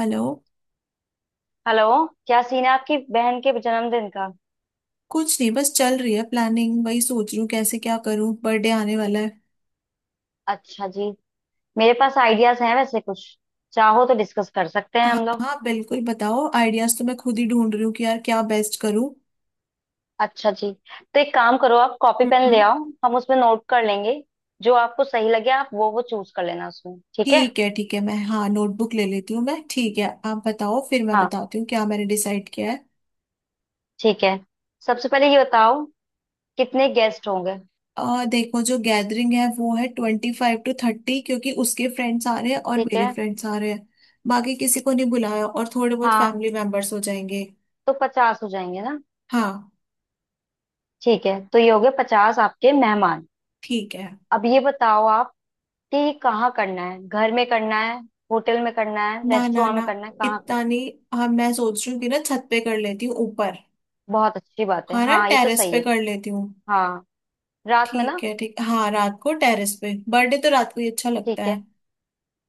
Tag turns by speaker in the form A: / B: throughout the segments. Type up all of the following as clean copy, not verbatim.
A: Hello.
B: Hello, क्या scene है आपकी बहन के जन्मदिन का।
A: कुछ नहीं, बस चल रही है प्लानिंग। वही सोच रही हूँ कैसे क्या करूँ, बर्थडे आने वाला है।
B: अच्छा जी। मेरे पास आइडियाज हैं वैसे कुछ, चाहो तो डिस्कस कर सकते हैं
A: हाँ
B: हम लोग।
A: हाँ, बिल्कुल बताओ, आइडियाज तो मैं खुद ही ढूंढ रही हूँ कि यार क्या बेस्ट करूँ।
B: अच्छा जी, तो एक काम करो आप कॉपी पेन ले
A: हम्म।
B: आओ। हम उसमें नोट कर लेंगे। जो आपको सही लगे आप वो चूज कर लेना उसमें, ठीक है।
A: ठीक है ठीक है, मैं, हाँ, नोटबुक ले लेती हूँ मैं। ठीक है, आप बताओ, फिर मैं
B: हाँ,
A: बताती हूँ क्या मैंने डिसाइड किया है।
B: ठीक है। सबसे पहले ये बताओ कितने गेस्ट होंगे।
A: देखो, जो गैदरिंग है वो है 25 to 30, क्योंकि उसके फ्रेंड्स आ रहे हैं और
B: ठीक
A: मेरे
B: है।
A: फ्रेंड्स आ रहे हैं। बाकी किसी को नहीं बुलाया, और थोड़े बहुत
B: हाँ,
A: फैमिली मेंबर्स हो जाएंगे।
B: तो 50 हो जाएंगे ना।
A: हाँ।
B: ठीक है, तो ये हो गए 50 आपके मेहमान।
A: ठीक है।
B: अब ये बताओ आप कि ये कहाँ करना है, घर में करना है, होटल में करना है,
A: ना ना
B: रेस्टोरेंट
A: ना,
B: में करना है, कहाँ कर।
A: इतना नहीं। हाँ, मैं सोच रही हूँ कि ना छत पे कर लेती हूँ ऊपर।
B: बहुत अच्छी बात है।
A: हाँ ना,
B: हाँ, ये तो
A: टेरेस
B: सही
A: पे
B: है।
A: कर लेती हूँ।
B: हाँ, रात में
A: ठीक
B: ना।
A: है ठीक, हाँ, रात को टेरेस पे, बर्थडे तो रात को ही अच्छा लगता
B: ठीक है।
A: है।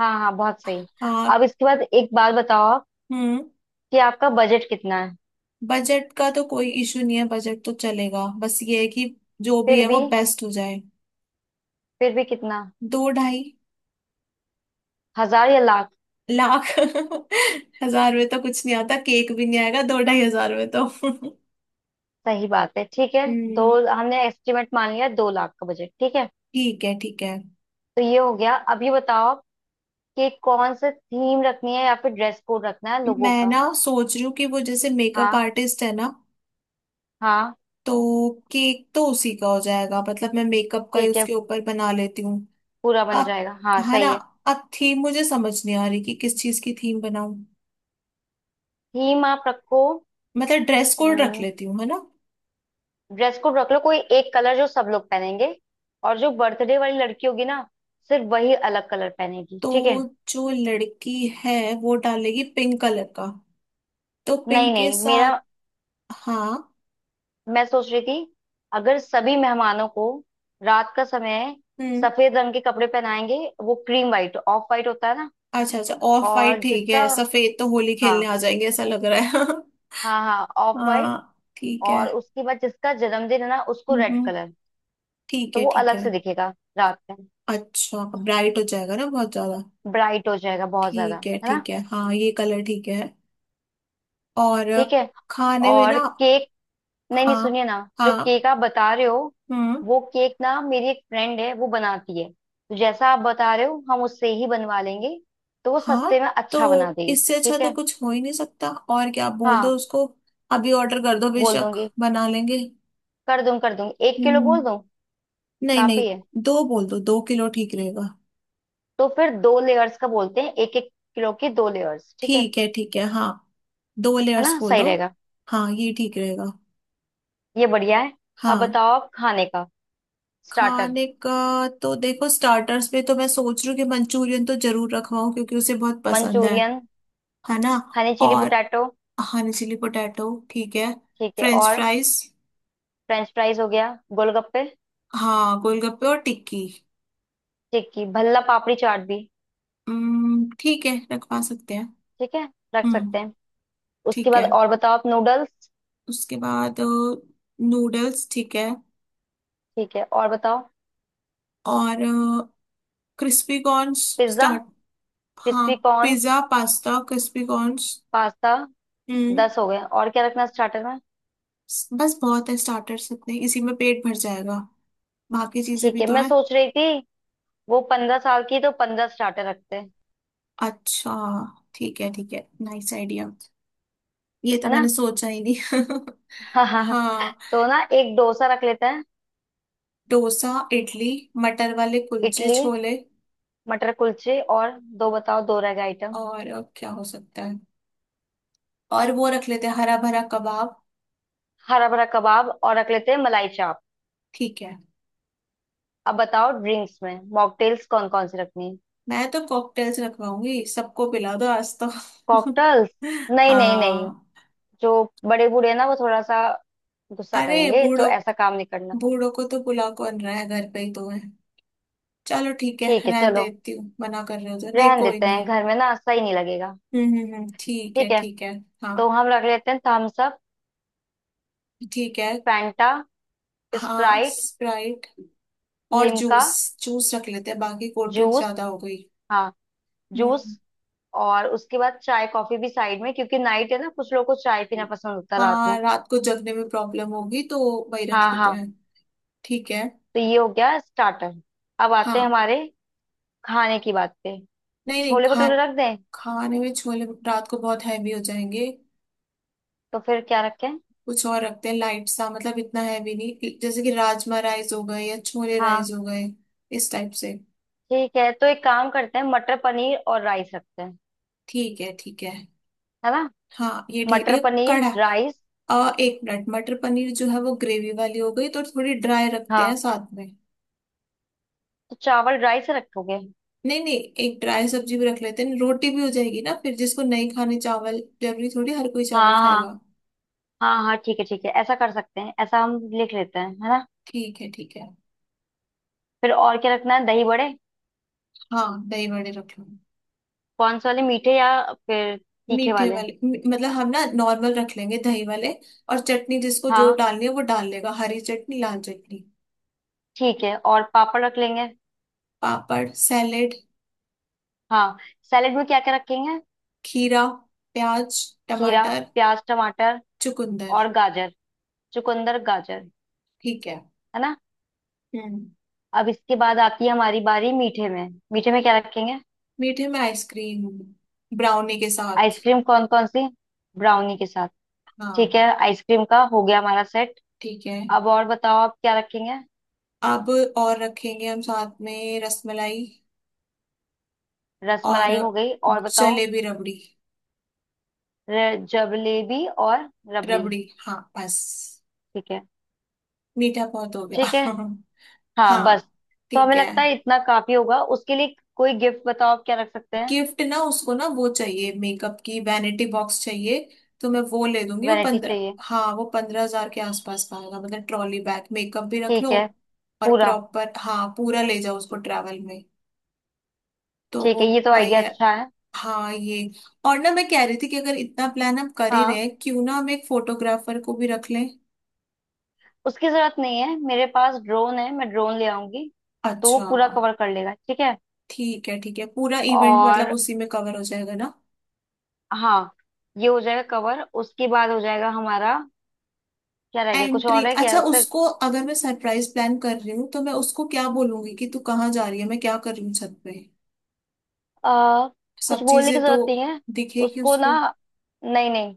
B: हाँ हाँ, बहुत सही।
A: हाँ।
B: अब इसके बाद एक बात बताओ आप
A: हम्म।
B: कि आपका बजट कितना है।
A: बजट का तो कोई इशू नहीं है, बजट तो चलेगा, बस ये है कि जो भी
B: फिर
A: है वो
B: भी,
A: बेस्ट हो जाए।
B: फिर भी कितना,
A: दो ढाई।
B: हजार या लाख।
A: लाख। हजार में तो कुछ नहीं आता, केक भी नहीं आएगा दो ढाई हजार में तो।
B: सही बात है, ठीक है। दो,
A: हम्म।
B: हमने एस्टिमेट मान लिया, 2 लाख का बजट, ठीक है।
A: ठीक है ठीक है।
B: तो ये हो गया। अब ये बताओ आप कि कौन सा थीम रखनी है या फिर ड्रेस कोड रखना है लोगों
A: मैं
B: का।
A: ना सोच रही हूँ कि वो जैसे मेकअप
B: हाँ
A: आर्टिस्ट है ना,
B: हाँ,
A: तो केक तो उसी का हो जाएगा, मतलब मैं मेकअप का ही
B: ठीक है,
A: उसके ऊपर बना लेती हूँ।
B: पूरा बन
A: अब,
B: जाएगा। हाँ,
A: है ना,
B: सही है।
A: अब थीम मुझे समझ नहीं आ रही कि किस चीज की थीम बनाऊं।
B: ही माप रखो।
A: मतलब ड्रेस कोड रख लेती हूँ, है ना।
B: ड्रेस कोड रख लो, कोई एक कलर जो सब लोग पहनेंगे। और जो बर्थडे वाली लड़की होगी ना, सिर्फ वही अलग कलर पहनेगी, ठीक है।
A: तो जो लड़की है वो डालेगी पिंक कलर का, तो
B: नहीं
A: पिंक के
B: नहीं, मेरा,
A: साथ। हाँ।
B: मैं सोच रही थी अगर सभी मेहमानों को, रात का समय,
A: हम्म।
B: सफेद रंग के कपड़े पहनाएंगे। वो क्रीम वाइट, ऑफ वाइट होता है ना।
A: अच्छा अच्छा, ऑफ वाइट
B: और
A: ठीक
B: जिसका,
A: है, सफेद तो होली खेलने
B: हाँ,
A: आ जाएंगे ऐसा लग रहा है।
B: हाँ हाँ, ऑफ वाइट।
A: हाँ। ठीक है।
B: और उसके बाद जिसका जन्मदिन है ना उसको
A: हम्म
B: रेड
A: हम्म,
B: कलर,
A: ठीक
B: तो
A: है
B: वो
A: ठीक
B: अलग
A: है।
B: से दिखेगा रात में।
A: अच्छा, ब्राइट हो जाएगा ना बहुत ज्यादा।
B: ब्राइट हो जाएगा बहुत ज्यादा,
A: ठीक है
B: है ना।
A: ठीक है, हाँ ये कलर ठीक है। और
B: ठीक है।
A: खाने में
B: और
A: ना।
B: केक, नहीं नहीं,
A: हाँ।
B: सुनिए ना, जो
A: हाँ।
B: केक आप बता रहे हो,
A: हम्म।
B: वो केक ना मेरी एक फ्रेंड है, वो बनाती है, तो जैसा आप बता रहे हो हम उससे ही बनवा लेंगे। तो वो
A: हाँ।
B: सस्ते में
A: तो
B: अच्छा बना देगी।
A: इससे अच्छा
B: ठीक
A: तो
B: है,
A: कुछ हो ही नहीं सकता, और क्या, आप बोल दो
B: हाँ,
A: उसको। अभी ऑर्डर कर दो
B: बोल
A: बेशक।
B: दूंगी,
A: बना लेंगे।
B: कर दूंगी, कर दूंगी। एक किलो बोल दूं,
A: हम्म। नहीं
B: काफी है।
A: नहीं, दो बोल दो, 2 किलो ठीक रहेगा।
B: तो फिर 2 लेयर्स का बोलते हैं, 1-1 किलो की 2 लेयर्स, ठीक है।
A: ठीक है ठीक है, हाँ, दो
B: है
A: लेयर्स
B: ना,
A: बोल
B: सही
A: दो।
B: रहेगा।
A: हाँ ये ठीक रहेगा।
B: ये बढ़िया है। अब
A: हाँ।
B: बताओ आप खाने का स्टार्टर।
A: खाने का, तो देखो स्टार्टर्स पे तो मैं सोच रही हूँ कि मंचूरियन तो जरूर रखवाऊँ क्योंकि उसे बहुत पसंद है
B: मंचूरियन,
A: है ना।
B: हनी चिली
A: और,
B: पोटैटो,
A: हाँ, चिली पोटैटो ठीक है।
B: ठीक है।
A: फ्रेंच
B: और
A: फ्राइज।
B: फ्रेंच फ्राइज हो गया, गोलगप्पे,
A: हाँ, गोलगप्पे और टिक्की।
B: ठीक है, भल्ला पापड़ी चाट भी,
A: हम्म, ठीक है, रखवा सकते हैं।
B: ठीक है, रख
A: हम्म।
B: सकते हैं। उसके
A: ठीक है।
B: बाद और बताओ आप, नूडल्स,
A: उसके बाद नूडल्स ठीक है।
B: ठीक है, और बताओ,
A: और क्रिस्पी कॉर्न्स।
B: Pizza,
A: start. हाँ,
B: crispy corns,
A: pizza, pasta, crispy corns.
B: Pasta,
A: हम्म।
B: 10 हो गए, और क्या रखना स्टार्टर में।
A: बस, बहुत है स्टार्टर्स इतने, इसी में पेट भर जाएगा, बाकी चीजें
B: ठीक
A: भी
B: है,
A: तो
B: मैं
A: है।
B: सोच रही थी, वो 15 साल की तो 15 स्टार्टर रखते हैं,
A: अच्छा, ठीक है ठीक है, नाइस आइडिया, ये तो
B: है ना।
A: मैंने सोचा ही नहीं।
B: हाँ हाँ।
A: हाँ।
B: तो ना एक डोसा रख लेते हैं,
A: डोसा, इडली, मटर वाले कुलचे
B: इडली,
A: छोले।
B: मटर कुलचे, और दो बताओ, दो रह गए आइटम।
A: और क्या हो सकता है? और वो रख लेते हैं हरा भरा कबाब।
B: हरा भरा कबाब और रख लेते हैं मलाई चाप।
A: ठीक है।
B: अब बताओ ड्रिंक्स में मॉकटेल्स कौन कौन सी रखनी है।
A: मैं तो कॉकटेल्स रखवाऊंगी, सबको पिला दो आज तो।
B: कॉकटेल्स, नहीं नहीं नहीं,
A: हाँ।
B: जो बड़े बूढ़े हैं ना, वो थोड़ा सा गुस्सा
A: अरे
B: करेंगे, तो
A: बूढ़ों।
B: ऐसा काम नहीं करना।
A: बूढ़ों को तो बुला कौन रहा है, घर पे ही तो है। चलो ठीक है,
B: ठीक है,
A: रहने
B: चलो,
A: देती हूँ, मना कर रहे हो तो नहीं,
B: रहन
A: कोई
B: देते हैं,
A: नहीं।
B: घर में ना सही नहीं लगेगा।
A: ठीक
B: ठीक
A: है
B: है।
A: ठीक है। हाँ।
B: तो हम रख लेते हैं थम्स अप,
A: ठीक है।
B: फैंटा,
A: हाँ,
B: स्प्राइट,
A: स्प्राइट। और
B: लिम्का,
A: जूस। जूस रख लेते हैं, बाकी कोल्ड ड्रिंक
B: जूस,
A: ज्यादा हो गई।
B: हाँ,
A: हम्म।
B: जूस। और उसके बाद चाय कॉफी भी साइड में, क्योंकि नाइट है ना, कुछ लोगों को चाय पीना पसंद होता है रात में।
A: हाँ, रात को जगने में प्रॉब्लम होगी तो वही रख
B: हाँ
A: लेते
B: हाँ।
A: हैं। ठीक है।
B: तो ये हो गया स्टार्टर। अब आते हैं
A: हाँ।
B: हमारे खाने की बात पे।
A: नहीं नहीं,
B: छोले
A: खा,
B: भटूरे रख दें।
A: खाने में छोले रात को बहुत हैवी हो जाएंगे।
B: तो फिर क्या रखें।
A: कुछ और रखते हैं लाइट सा, मतलब इतना हैवी नहीं, जैसे कि राजमा राइस हो गए या छोले राइस
B: हाँ,
A: हो गए, इस टाइप से।
B: ठीक है, तो एक काम करते हैं मटर पनीर और राइस रखते हैं,
A: ठीक है ठीक है,
B: है ना।
A: हाँ ये ठीक,
B: मटर
A: ये कड़ा,
B: पनीर राइस।
A: एक मिनट, मटर पनीर जो है वो ग्रेवी वाली हो गई, तो थोड़ी ड्राई रखते
B: हाँ,
A: हैं साथ में।
B: तो चावल राइस रखोगे।
A: नहीं नहीं, एक ड्राई सब्जी भी रख लेते हैं, रोटी भी हो जाएगी ना फिर, जिसको नहीं खाने चावल, जरूरी थोड़ी हर कोई चावल
B: हाँ हाँ,
A: खाएगा।
B: हाँ हाँ, ठीक है ठीक है, ऐसा कर सकते हैं, ऐसा हम लिख लेते हैं है ना।
A: ठीक है ठीक है।
B: फिर और क्या रखना है, दही बड़े,
A: हाँ, दही बड़े रख लो।
B: कौन से वाले, मीठे या फिर तीखे
A: मीठे
B: वाले।
A: वाले, मतलब हम ना नॉर्मल रख लेंगे, दही वाले, और चटनी जिसको जो
B: हाँ,
A: डालनी है वो डाल लेगा, हरी चटनी, लाल चटनी।
B: ठीक है, और पापड़ रख लेंगे।
A: पापड़, सैलेड,
B: हाँ, सैलेड में क्या क्या रखेंगे।
A: खीरा, प्याज,
B: खीरा,
A: टमाटर,
B: प्याज, टमाटर,
A: चुकंदर।
B: और गाजर, चुकंदर गाजर,
A: ठीक है।
B: है ना।
A: हम्म।
B: अब इसके बाद आती है हमारी बारी, मीठे में, मीठे में क्या रखेंगे।
A: मीठे में आइसक्रीम, ब्राउनी के साथ।
B: आइसक्रीम कौन कौन सी, ब्राउनी के साथ, ठीक
A: हाँ।
B: है। आइसक्रीम का हो गया हमारा सेट।
A: ठीक है।
B: अब और बताओ आप क्या रखेंगे।
A: अब और रखेंगे हम साथ में रसमलाई। और
B: रसमलाई हो गई, और बताओ,
A: जलेबी, रबड़ी,
B: जलेबी और रबड़ी।
A: रबड़ी। हाँ बस,
B: ठीक है
A: मीठा बहुत हो
B: ठीक है,
A: गया।
B: हाँ बस।
A: हाँ।
B: तो हमें
A: ठीक है।
B: लगता है इतना काफी होगा। उसके लिए कोई गिफ्ट बताओ आप क्या रख सकते हैं।
A: गिफ्ट ना, उसको ना, वो चाहिए, मेकअप की वैनिटी बॉक्स चाहिए, तो मैं वो ले दूंगी। वो
B: वैरायटी
A: पंद्रह,
B: चाहिए,
A: हाँ, वो 15 हजार के आसपास का आएगा, मतलब ट्रॉली बैग, मेकअप भी रख
B: ठीक
A: लो,
B: है,
A: और
B: पूरा,
A: प्रॉपर, हाँ, पूरा ले जाओ उसको ट्रैवल में। तो
B: ठीक
A: वो,
B: है, ये तो
A: भाई
B: आइडिया
A: है।
B: अच्छा है।
A: हाँ ये। और ना मैं कह रही थी कि अगर इतना प्लान हम कर ही रहे
B: हाँ,
A: हैं, क्यों ना हम एक फोटोग्राफर को भी रख लें।
B: उसकी जरूरत नहीं है, मेरे पास ड्रोन है, मैं ड्रोन ले आऊंगी। तो वो
A: अच्छा।
B: पूरा कवर कर लेगा, ठीक है।
A: ठीक है ठीक है, पूरा इवेंट मतलब
B: और,
A: उसी में कवर हो जाएगा ना।
B: हाँ, ये हो जाएगा कवर, उसके बाद हो जाएगा हमारा, क्या रह गया, कुछ
A: एंट्री,
B: और है क्या
A: अच्छा,
B: उसका।
A: उसको अगर मैं सरप्राइज प्लान कर रही हूँ तो मैं उसको क्या बोलूंगी कि तू कहाँ जा रही है, मैं क्या कर रही हूँ छत पे,
B: आ, कुछ
A: सब
B: बोलने की
A: चीजें तो
B: जरूरत नहीं है
A: दिखेगी
B: उसको ना,
A: उसको।
B: नहीं नहीं,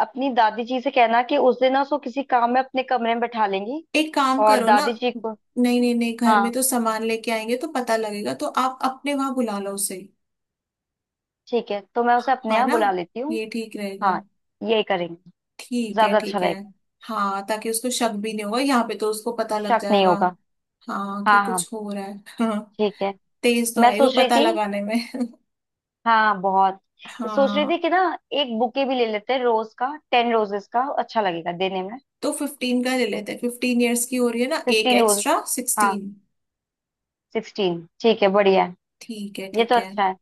B: अपनी दादी जी से कहना कि उस दिन ना उसको किसी काम में अपने कमरे में बैठा लेंगी।
A: एक काम
B: और
A: करो ना।
B: दादी जी को,
A: नहीं नहीं नहीं, घर में
B: हाँ,
A: तो सामान लेके आएंगे तो पता लगेगा, तो आप अपने वहां बुला लो उसे।
B: ठीक है, तो मैं उसे अपने
A: है
B: यहाँ
A: ना,
B: बुला लेती हूँ।
A: ये ठीक रहेगा।
B: हाँ, यही करेंगे,
A: ठीक है
B: ज्यादा अच्छा
A: ठीक है।
B: रहेगा।
A: हाँ, ताकि उसको शक भी नहीं होगा, यहाँ पे तो उसको पता लग
B: शक नहीं
A: जाएगा।
B: होगा।
A: हाँ, कि
B: हाँ हाँ,
A: कुछ हो रहा है। हाँ।
B: ठीक है।
A: तेज तो
B: मैं
A: है ही वो
B: सोच रही
A: पता
B: थी,
A: लगाने में।
B: हाँ हाँ, बहुत सोच रही थी
A: हाँ।
B: कि ना एक बुके भी ले लेते हैं, रोज का, 10 रोजेस का अच्छा लगेगा देने में।
A: तो 15 का ले लेते हैं, 15 years की हो रही है ना, एक
B: 15 रोज,
A: एक्स्ट्रा,
B: हाँ,
A: 16।
B: 16, ठीक है, बढ़िया है,
A: ठीक है
B: ये तो
A: ठीक है।
B: अच्छा है।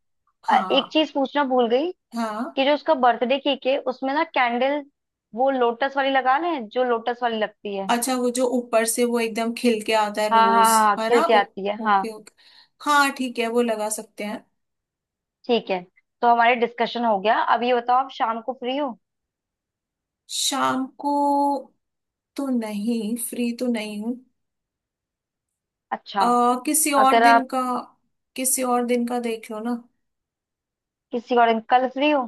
B: एक
A: हाँ।
B: चीज पूछना भूल गई
A: हाँ।
B: कि जो उसका बर्थडे केक है उसमें ना कैंडल, वो लोटस वाली लगा लें, जो लोटस वाली लगती है।
A: अच्छा, वो जो ऊपर से वो एकदम खिल के आता है
B: हाँ हाँ
A: रोज,
B: हाँ,
A: है ना।
B: खिल के आती है, हाँ,
A: ओके ओके, हाँ ठीक है, वो लगा सकते हैं।
B: ठीक है। तो हमारे डिस्कशन हो गया, अब ये बताओ आप शाम को फ्री हो।
A: शाम को तो नहीं, फ्री तो नहीं हूँ।
B: अच्छा,
A: आ किसी और
B: अगर
A: दिन
B: आप
A: का, किसी और दिन का देख लो ना।
B: किसी और दिन, कल फ्री हो,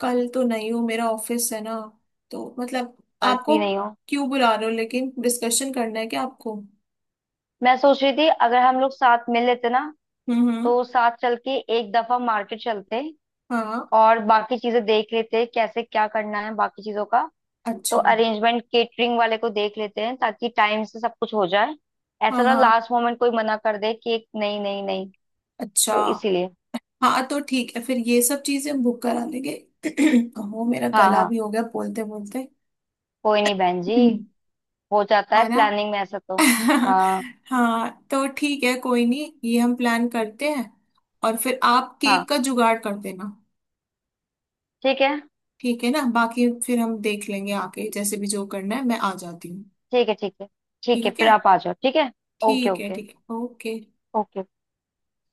A: कल तो नहीं हूँ, मेरा ऑफिस है ना, तो मतलब।
B: कल
A: आपको,
B: फ्री नहीं हो।
A: क्यों बुला रहे हो, लेकिन डिस्कशन करना है क्या आपको?
B: मैं सोच रही थी, अगर हम लोग साथ मिल लेते ना,
A: हम्म हम्म,
B: तो साथ चल के एक दफा मार्केट चलते
A: हाँ।
B: और बाकी चीजें देख लेते हैं, कैसे क्या करना है बाकी चीजों का। तो
A: अच्छा।
B: अरेंजमेंट, केटरिंग वाले को देख लेते हैं, ताकि टाइम से सब कुछ हो जाए।
A: हाँ।
B: ऐसा ना
A: हाँ,
B: लास्ट मोमेंट कोई मना कर दे कि एक, नहीं नहीं नहीं,
A: अच्छा,
B: तो इसीलिए।
A: हाँ तो ठीक है, फिर ये सब चीजें हम बुक करा लेंगे। हो, मेरा
B: हाँ
A: गला
B: हाँ,
A: भी हो गया बोलते बोलते।
B: कोई नहीं बहन जी, हो जाता है
A: है ना।
B: प्लानिंग में ऐसा तो। हाँ
A: हाँ, तो ठीक है, कोई नहीं, ये हम प्लान करते हैं, और फिर आप केक
B: हाँ,
A: का जुगाड़ कर देना।
B: ठीक है,
A: ठीक है ना, बाकी फिर हम देख लेंगे आके, जैसे भी जो करना है, मैं आ जाती हूँ।
B: ठीक है, ठीक है, ठीक है
A: ठीक
B: फिर
A: है
B: आप आ जाओ, ठीक है। ओके
A: ठीक है
B: ओके।
A: ठीक है। ओके।
B: ओके।